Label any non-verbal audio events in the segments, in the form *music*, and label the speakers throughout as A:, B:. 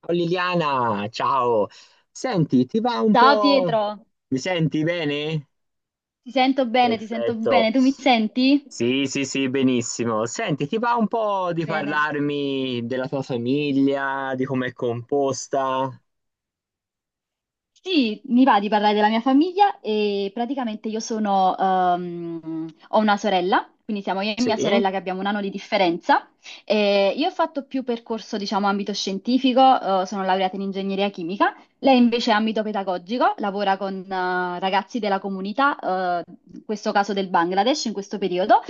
A: Ciao Liliana, ciao. Senti, ti va un
B: Ciao
A: po'?
B: Pietro,
A: Mi senti bene?
B: ti sento
A: Perfetto.
B: bene, tu mi senti?
A: Sì, sì, sì, benissimo. Senti, ti va un po' di
B: Bene.
A: parlarmi della tua famiglia, di com'è composta?
B: Sì, mi va di parlare della mia famiglia e praticamente io sono, ho una sorella, quindi siamo io e
A: Sì,
B: mia sorella che abbiamo un anno di differenza. E io ho fatto più percorso, diciamo, ambito scientifico, sono laureata in ingegneria chimica. Lei invece è ambito pedagogico, lavora con, ragazzi della comunità, in questo caso del Bangladesh, in questo periodo.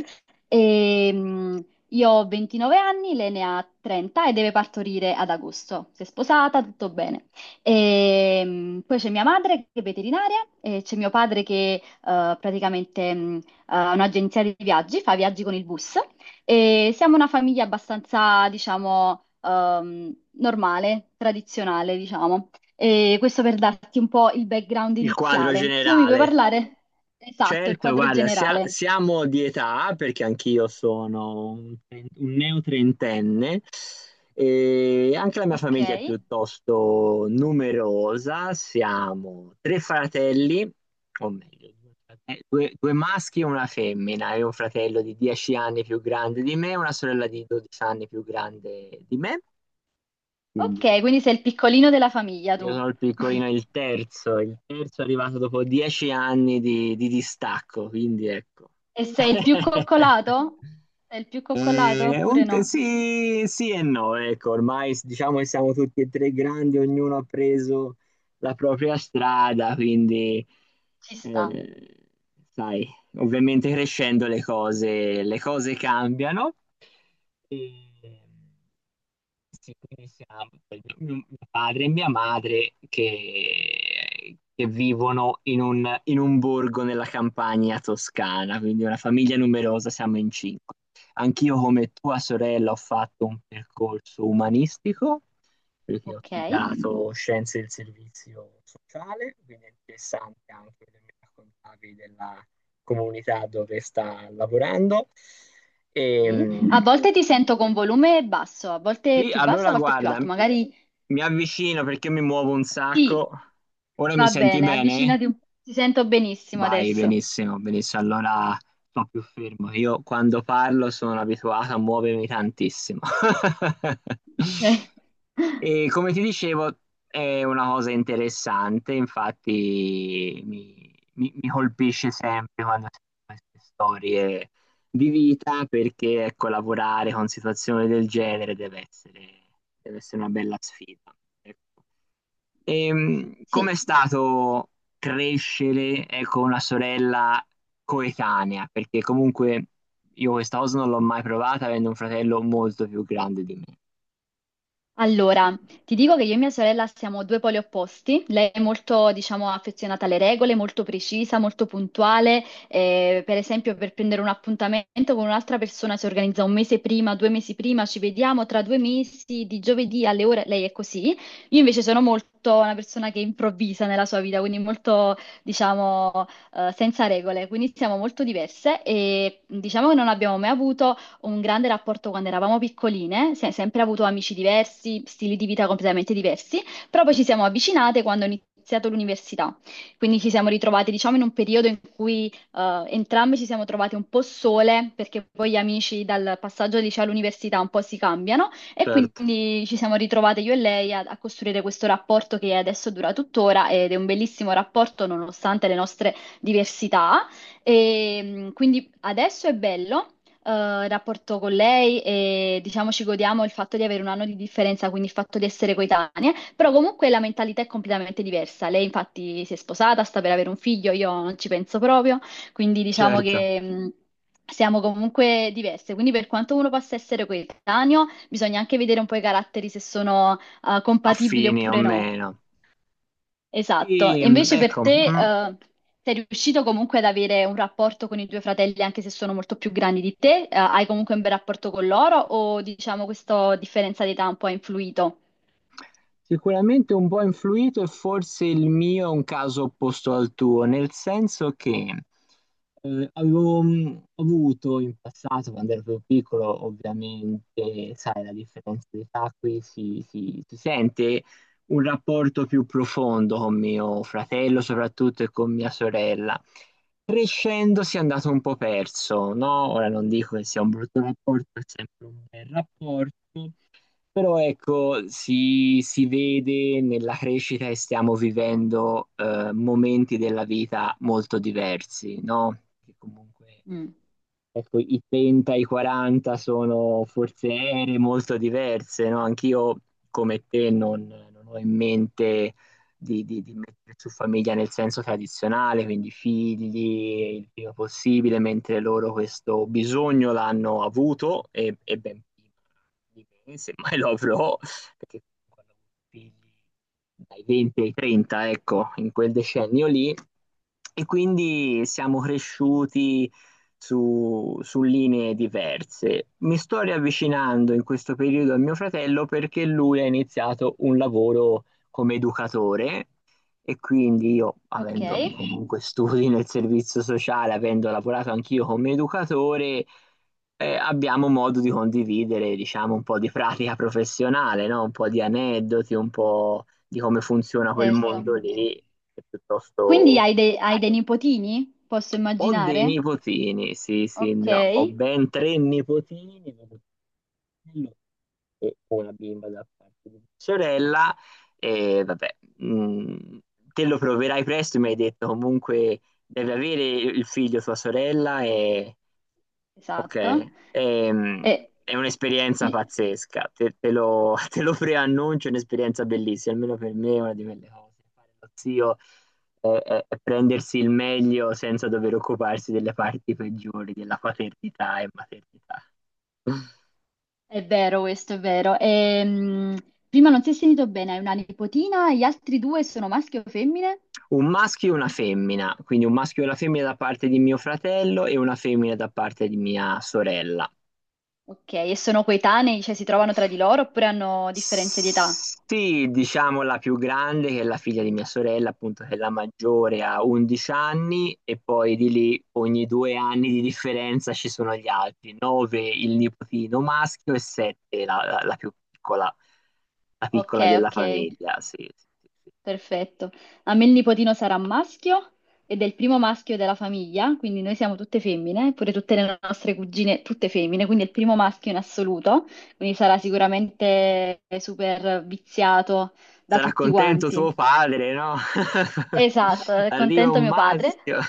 B: E, mm, io ho 29 anni, lei ne ha 30 e deve partorire ad agosto. Si è sposata, tutto bene. E, poi c'è mia madre che è veterinaria e c'è mio padre che praticamente ha un'agenzia di viaggi, fa viaggi con il bus e siamo una famiglia abbastanza, diciamo, normale, tradizionale, diciamo. E questo per darti un po' il background
A: il quadro
B: iniziale. Tu mi puoi
A: generale.
B: parlare? Esatto, il
A: Certo,
B: quadro
A: guarda,
B: generale.
A: siamo di età perché anch'io sono un neotrentenne e anche la mia
B: Ok.
A: famiglia è piuttosto numerosa. Siamo tre fratelli, o meglio, due maschi e una femmina. E un fratello di 10 anni più grande di me e una sorella di 12 anni più grande di me. Quindi
B: Ok, quindi sei il piccolino della famiglia
A: io
B: tu.
A: sono il piccolino,
B: *laughs*
A: il terzo è arrivato dopo 10 anni di distacco, quindi ecco.
B: E sei il più
A: *laughs*
B: coccolato? Sei il più coccolato
A: Un
B: oppure
A: t
B: no?
A: Sì, sì e no, ecco, ormai s diciamo che siamo tutti e 3 grandi, ognuno ha preso la propria strada, quindi,
B: Ci sta,
A: ehm, sai, ovviamente crescendo le cose cambiano. Ehm, sì, quindi siamo mio padre e mia madre che vivono in un borgo nella campagna toscana, quindi una famiglia numerosa, siamo in 5. Anch'io come tua sorella ho fatto un percorso umanistico perché ho
B: ok.
A: studiato scienze del servizio sociale, quindi è interessante anche che mi raccontavi della comunità dove sta lavorando.
B: Sì.
A: Ehm,
B: A volte ti sento con volume basso, a volte
A: sì,
B: più basso, a
A: allora
B: volte più
A: guarda,
B: alto. Magari
A: mi avvicino perché mi muovo un
B: sì,
A: sacco. Ora mi
B: va
A: senti
B: bene,
A: bene?
B: avvicinati un po'. Ti sento benissimo
A: Vai,
B: adesso.
A: benissimo, benissimo. Allora sto più fermo. Io quando parlo sono abituato a muovermi tantissimo. *laughs*
B: Ok. *laughs*
A: E come ti dicevo, è una cosa interessante, infatti mi colpisce sempre quando sento queste storie di vita, perché ecco, lavorare con situazioni del genere deve essere una bella sfida. Ecco. Com'è
B: Sì.
A: stato crescere, ecco, una sorella coetanea? Perché comunque io questa cosa non l'ho mai provata avendo un fratello molto più grande di me.
B: Allora, ti dico che io e mia sorella siamo due poli opposti. Lei è molto, diciamo, affezionata alle regole, molto precisa, molto puntuale. Per esempio, per prendere un appuntamento con un'altra persona si organizza un mese prima, due mesi prima, ci vediamo tra due mesi, di giovedì alle ore. Lei è così. Io invece sono molto una persona che improvvisa nella sua vita, quindi molto, diciamo, senza regole. Quindi siamo molto diverse e diciamo che non abbiamo mai avuto un grande rapporto quando eravamo piccoline, sempre avuto amici diversi, stili di vita completamente diversi, però poi ci siamo avvicinate quando ho iniziato l'università. Quindi ci siamo ritrovate, diciamo, in un periodo in cui entrambe ci siamo trovate un po' sole, perché poi gli amici dal passaggio al liceo all'università un po' si cambiano e
A: Certo,
B: quindi ci siamo ritrovate io e lei a costruire questo rapporto che adesso dura tuttora ed è un bellissimo rapporto nonostante le nostre diversità. E, quindi adesso è bello rapporto con lei e diciamo ci godiamo il fatto di avere un anno di differenza, quindi il fatto di essere coetanee, però comunque la mentalità è completamente diversa. Lei infatti si è sposata, sta per avere un figlio, io non ci penso proprio, quindi diciamo
A: certo,
B: che siamo comunque diverse. Quindi per quanto uno possa essere coetaneo, bisogna anche vedere un po' i caratteri se sono compatibili
A: affini o
B: oppure no.
A: meno.
B: Esatto. E invece per
A: Ecco,
B: te,
A: mm.
B: sei riuscito comunque ad avere un rapporto con i tuoi fratelli, anche se sono molto più grandi di te? Hai comunque un bel rapporto con loro o diciamo questa differenza di età un po' ha influito?
A: Sicuramente un po' influito e forse il mio è un caso opposto al tuo, nel senso che avevo avuto in passato, quando ero più piccolo, ovviamente, sai, la differenza di età qui si sente, un rapporto più profondo con mio fratello soprattutto e con mia sorella. Crescendo si è andato un po' perso, no? Ora non dico che sia un brutto rapporto, è sempre un bel rapporto, però ecco, si vede nella crescita che stiamo vivendo momenti della vita molto diversi, no? Che comunque
B: Mm.
A: Ecco, i 30 e i 40 sono forse ere molto diverse, no? Anch'io, come te, non ho in mente di mettere su famiglia nel senso tradizionale, quindi figli il prima possibile, mentre loro questo bisogno l'hanno avuto e ben prima di me, semmai lo avrò, perché quando ho avuto figli dai 20 ai 30, ecco, in quel decennio lì, e quindi siamo cresciuti su linee diverse. Mi sto riavvicinando in questo periodo a mio fratello perché lui ha iniziato un lavoro come educatore e quindi io,
B: Ok,
A: avendo comunque studi nel servizio sociale, avendo lavorato anch'io come educatore, abbiamo modo di condividere, diciamo, un po' di pratica professionale, no? Un po' di aneddoti, un po' di come funziona quel
B: certo.
A: mondo lì, che è
B: Quindi
A: piuttosto
B: hai dei
A: vario.
B: nipotini? Posso
A: Ho dei
B: immaginare?
A: nipotini, sì, sì,
B: Ok,
A: ho ben tre nipotini, vedo fratello e una bimba da parte di mia sorella, e vabbè, mh, te lo proverai presto, mi hai detto comunque devi avere il figlio tua sorella e. Ok,
B: esatto.
A: ehm,
B: E-
A: è un'esperienza
B: pri-
A: pazzesca, *laughs* te lo preannuncio, è un'esperienza bellissima, almeno per me è una di quelle cose. Fare lo zio è prendersi il meglio senza dover occuparsi delle parti peggiori, della paternità e maternità.
B: è vero questo, è vero. Prima non si è sentito bene, hai una nipotina, gli altri due sono maschi o femmine?
A: Un maschio e una femmina, quindi un maschio e una femmina da parte di mio fratello e una femmina da parte di mia sorella.
B: Ok, e sono coetanei, cioè si trovano tra di loro oppure hanno differenze di età?
A: Sì, diciamo la più grande, che è la figlia di mia sorella, appunto, che è la maggiore, ha 11 anni e poi di lì ogni 2 anni di differenza ci sono gli altri, 9 il nipotino maschio e 7 la più piccola, la
B: Ok,
A: piccola della
B: ok,
A: famiglia. Sì, sì, sì, sì.
B: perfetto. A me il nipotino sarà maschio ed è il primo maschio della famiglia, quindi noi siamo tutte femmine, pure tutte le nostre cugine, tutte femmine, quindi è il primo maschio in assoluto, quindi sarà sicuramente super viziato da
A: Sarà
B: tutti
A: contento
B: quanti.
A: tuo padre, no? *laughs*
B: Esatto, è
A: Arriva
B: contento
A: un
B: mio padre.
A: maschio.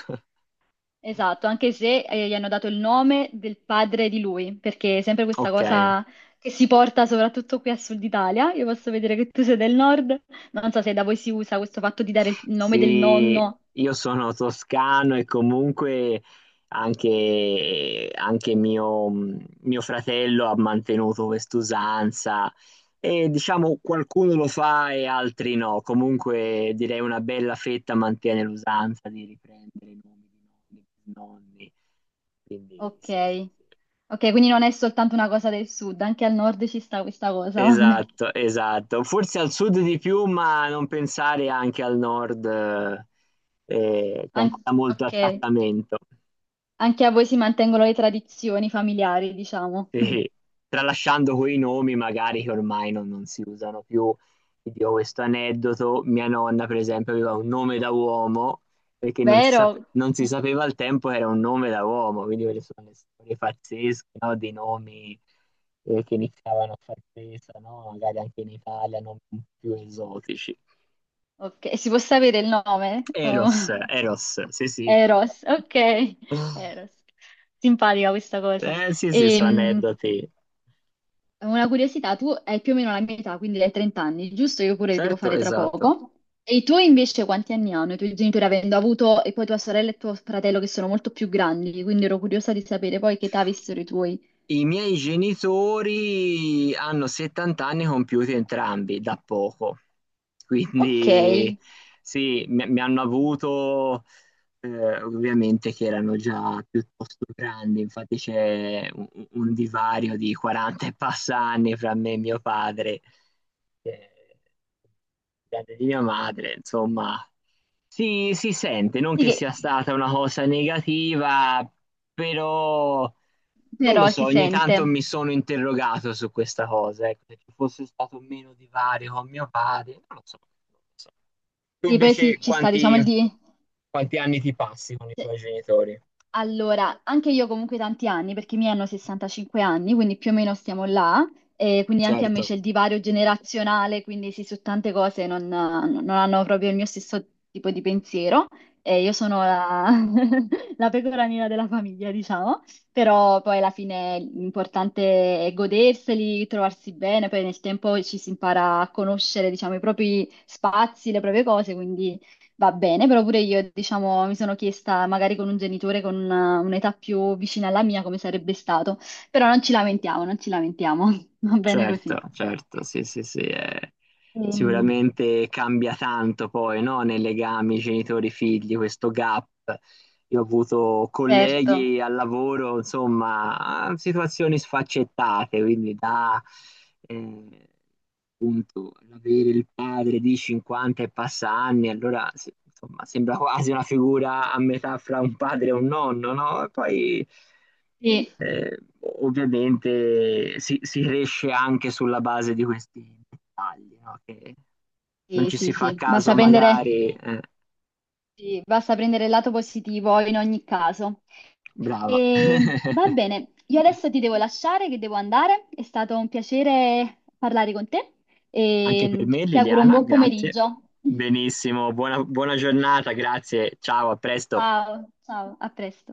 B: Esatto, anche se gli hanno dato il nome del padre di lui, perché è sempre questa
A: Ok.
B: cosa che si porta soprattutto qui a Sud Italia. Io posso vedere che tu sei del nord, ma non so se da voi si usa questo fatto di dare il nome del
A: Sì,
B: nonno.
A: io sono toscano e comunque anche mio fratello ha mantenuto quest'usanza e diciamo qualcuno lo fa e altri no. Comunque direi una bella fetta mantiene l'usanza di riprendere i nomi di nonni. Quindi
B: Ok,
A: sì, sì, sì.
B: ok, quindi non è soltanto una cosa del sud, anche al nord ci sta questa cosa, *laughs* vabbè.
A: Esatto, esatto. Forse al sud di più, ma non pensare anche al nord, c'è ancora molto
B: Ok,
A: attaccamento.
B: anche a voi si mantengono le tradizioni familiari, diciamo. *laughs*
A: Sì. Tralasciando quei nomi, magari che ormai non si usano più. Ti dico questo aneddoto: mia nonna, per esempio, aveva un nome da uomo perché
B: Vero?
A: non si sapeva al tempo che era un nome da uomo. Quindi, quelle sono le storie pazzesche, no? Di nomi che iniziavano a far presa, no? Magari anche in Italia, non più esotici.
B: Ok, si può sapere il nome? Oh.
A: Eros, Eros, sì, sì.
B: Eros, ok, Eros. Simpatica questa cosa.
A: Sì, sì, sono
B: Ehm,
A: aneddoti.
B: una curiosità, tu hai più o meno la mia età, quindi hai 30 anni, giusto? Io pure li devo
A: Certo,
B: fare tra
A: esatto.
B: poco. E i tuoi invece quanti anni hanno? I tuoi genitori avendo avuto, e poi tua sorella e tuo fratello che sono molto più grandi, quindi ero curiosa di sapere poi che età avessero i tuoi.
A: I miei genitori hanno 70 anni compiuti entrambi da poco,
B: Ok,
A: quindi sì, mi hanno avuto ovviamente che erano già piuttosto grandi, infatti c'è un divario di 40 e passa anni fra me e mio padre, eh, grande di mia madre, insomma. Si sente, non
B: Sì
A: che sia
B: che-
A: stata una cosa negativa, però non
B: però
A: lo so,
B: si
A: ogni
B: sente.
A: tanto mi sono interrogato su questa cosa, ecco, se ci fosse stato meno divario con mio padre, non lo so. Non lo so. Tu
B: Sì, poi sì,
A: invece
B: ci sta, diciamo,
A: quanti,
B: il di...
A: quanti anni ti passi con i tuoi
B: se-
A: genitori?
B: Allora, anche io comunque tanti anni, perché i miei hanno 65 anni, quindi più o meno stiamo là, e quindi anche a me
A: Certo.
B: c'è il divario generazionale, quindi sì, su tante cose non, non hanno proprio il mio stesso tipo di pensiero, e io sono la, *laughs* la pecora nera della famiglia, diciamo, però poi alla fine l'importante è goderseli, trovarsi bene, poi nel tempo ci si impara a conoscere, diciamo, i propri spazi, le proprie cose, quindi... Va bene, però pure io, diciamo, mi sono chiesta magari con un genitore con un'età più vicina alla mia come sarebbe stato, però non ci lamentiamo, non ci lamentiamo, *laughs* va bene
A: Certo,
B: così.
A: certo, sì, sì, sì,
B: Ehm,
A: sicuramente cambia tanto poi, no? Nei legami genitori-figli, questo gap. Io ho avuto
B: certo,
A: colleghi al lavoro, insomma, situazioni sfaccettate, quindi da eh, appunto avere il padre di 50 e passa anni, allora sì, insomma, sembra quasi una figura a metà fra un padre e un nonno, no? E poi
B: sì,
A: eh, ovviamente si riesce anche sulla base di questi dettagli, no? Che non
B: sì,
A: ci
B: sì,
A: si fa
B: sì. Basta
A: caso
B: prendere,
A: magari.
B: sì, basta prendere il lato positivo in ogni caso.
A: Brava. *laughs*
B: E, va bene, io adesso ti devo lasciare che devo andare, è stato un piacere parlare con te
A: Anche per
B: e
A: me,
B: ti auguro un
A: Liliana,
B: buon
A: grazie.
B: pomeriggio. *laughs*
A: Benissimo, buona buona giornata, grazie. Ciao, a presto.
B: Ciao, ciao, a presto.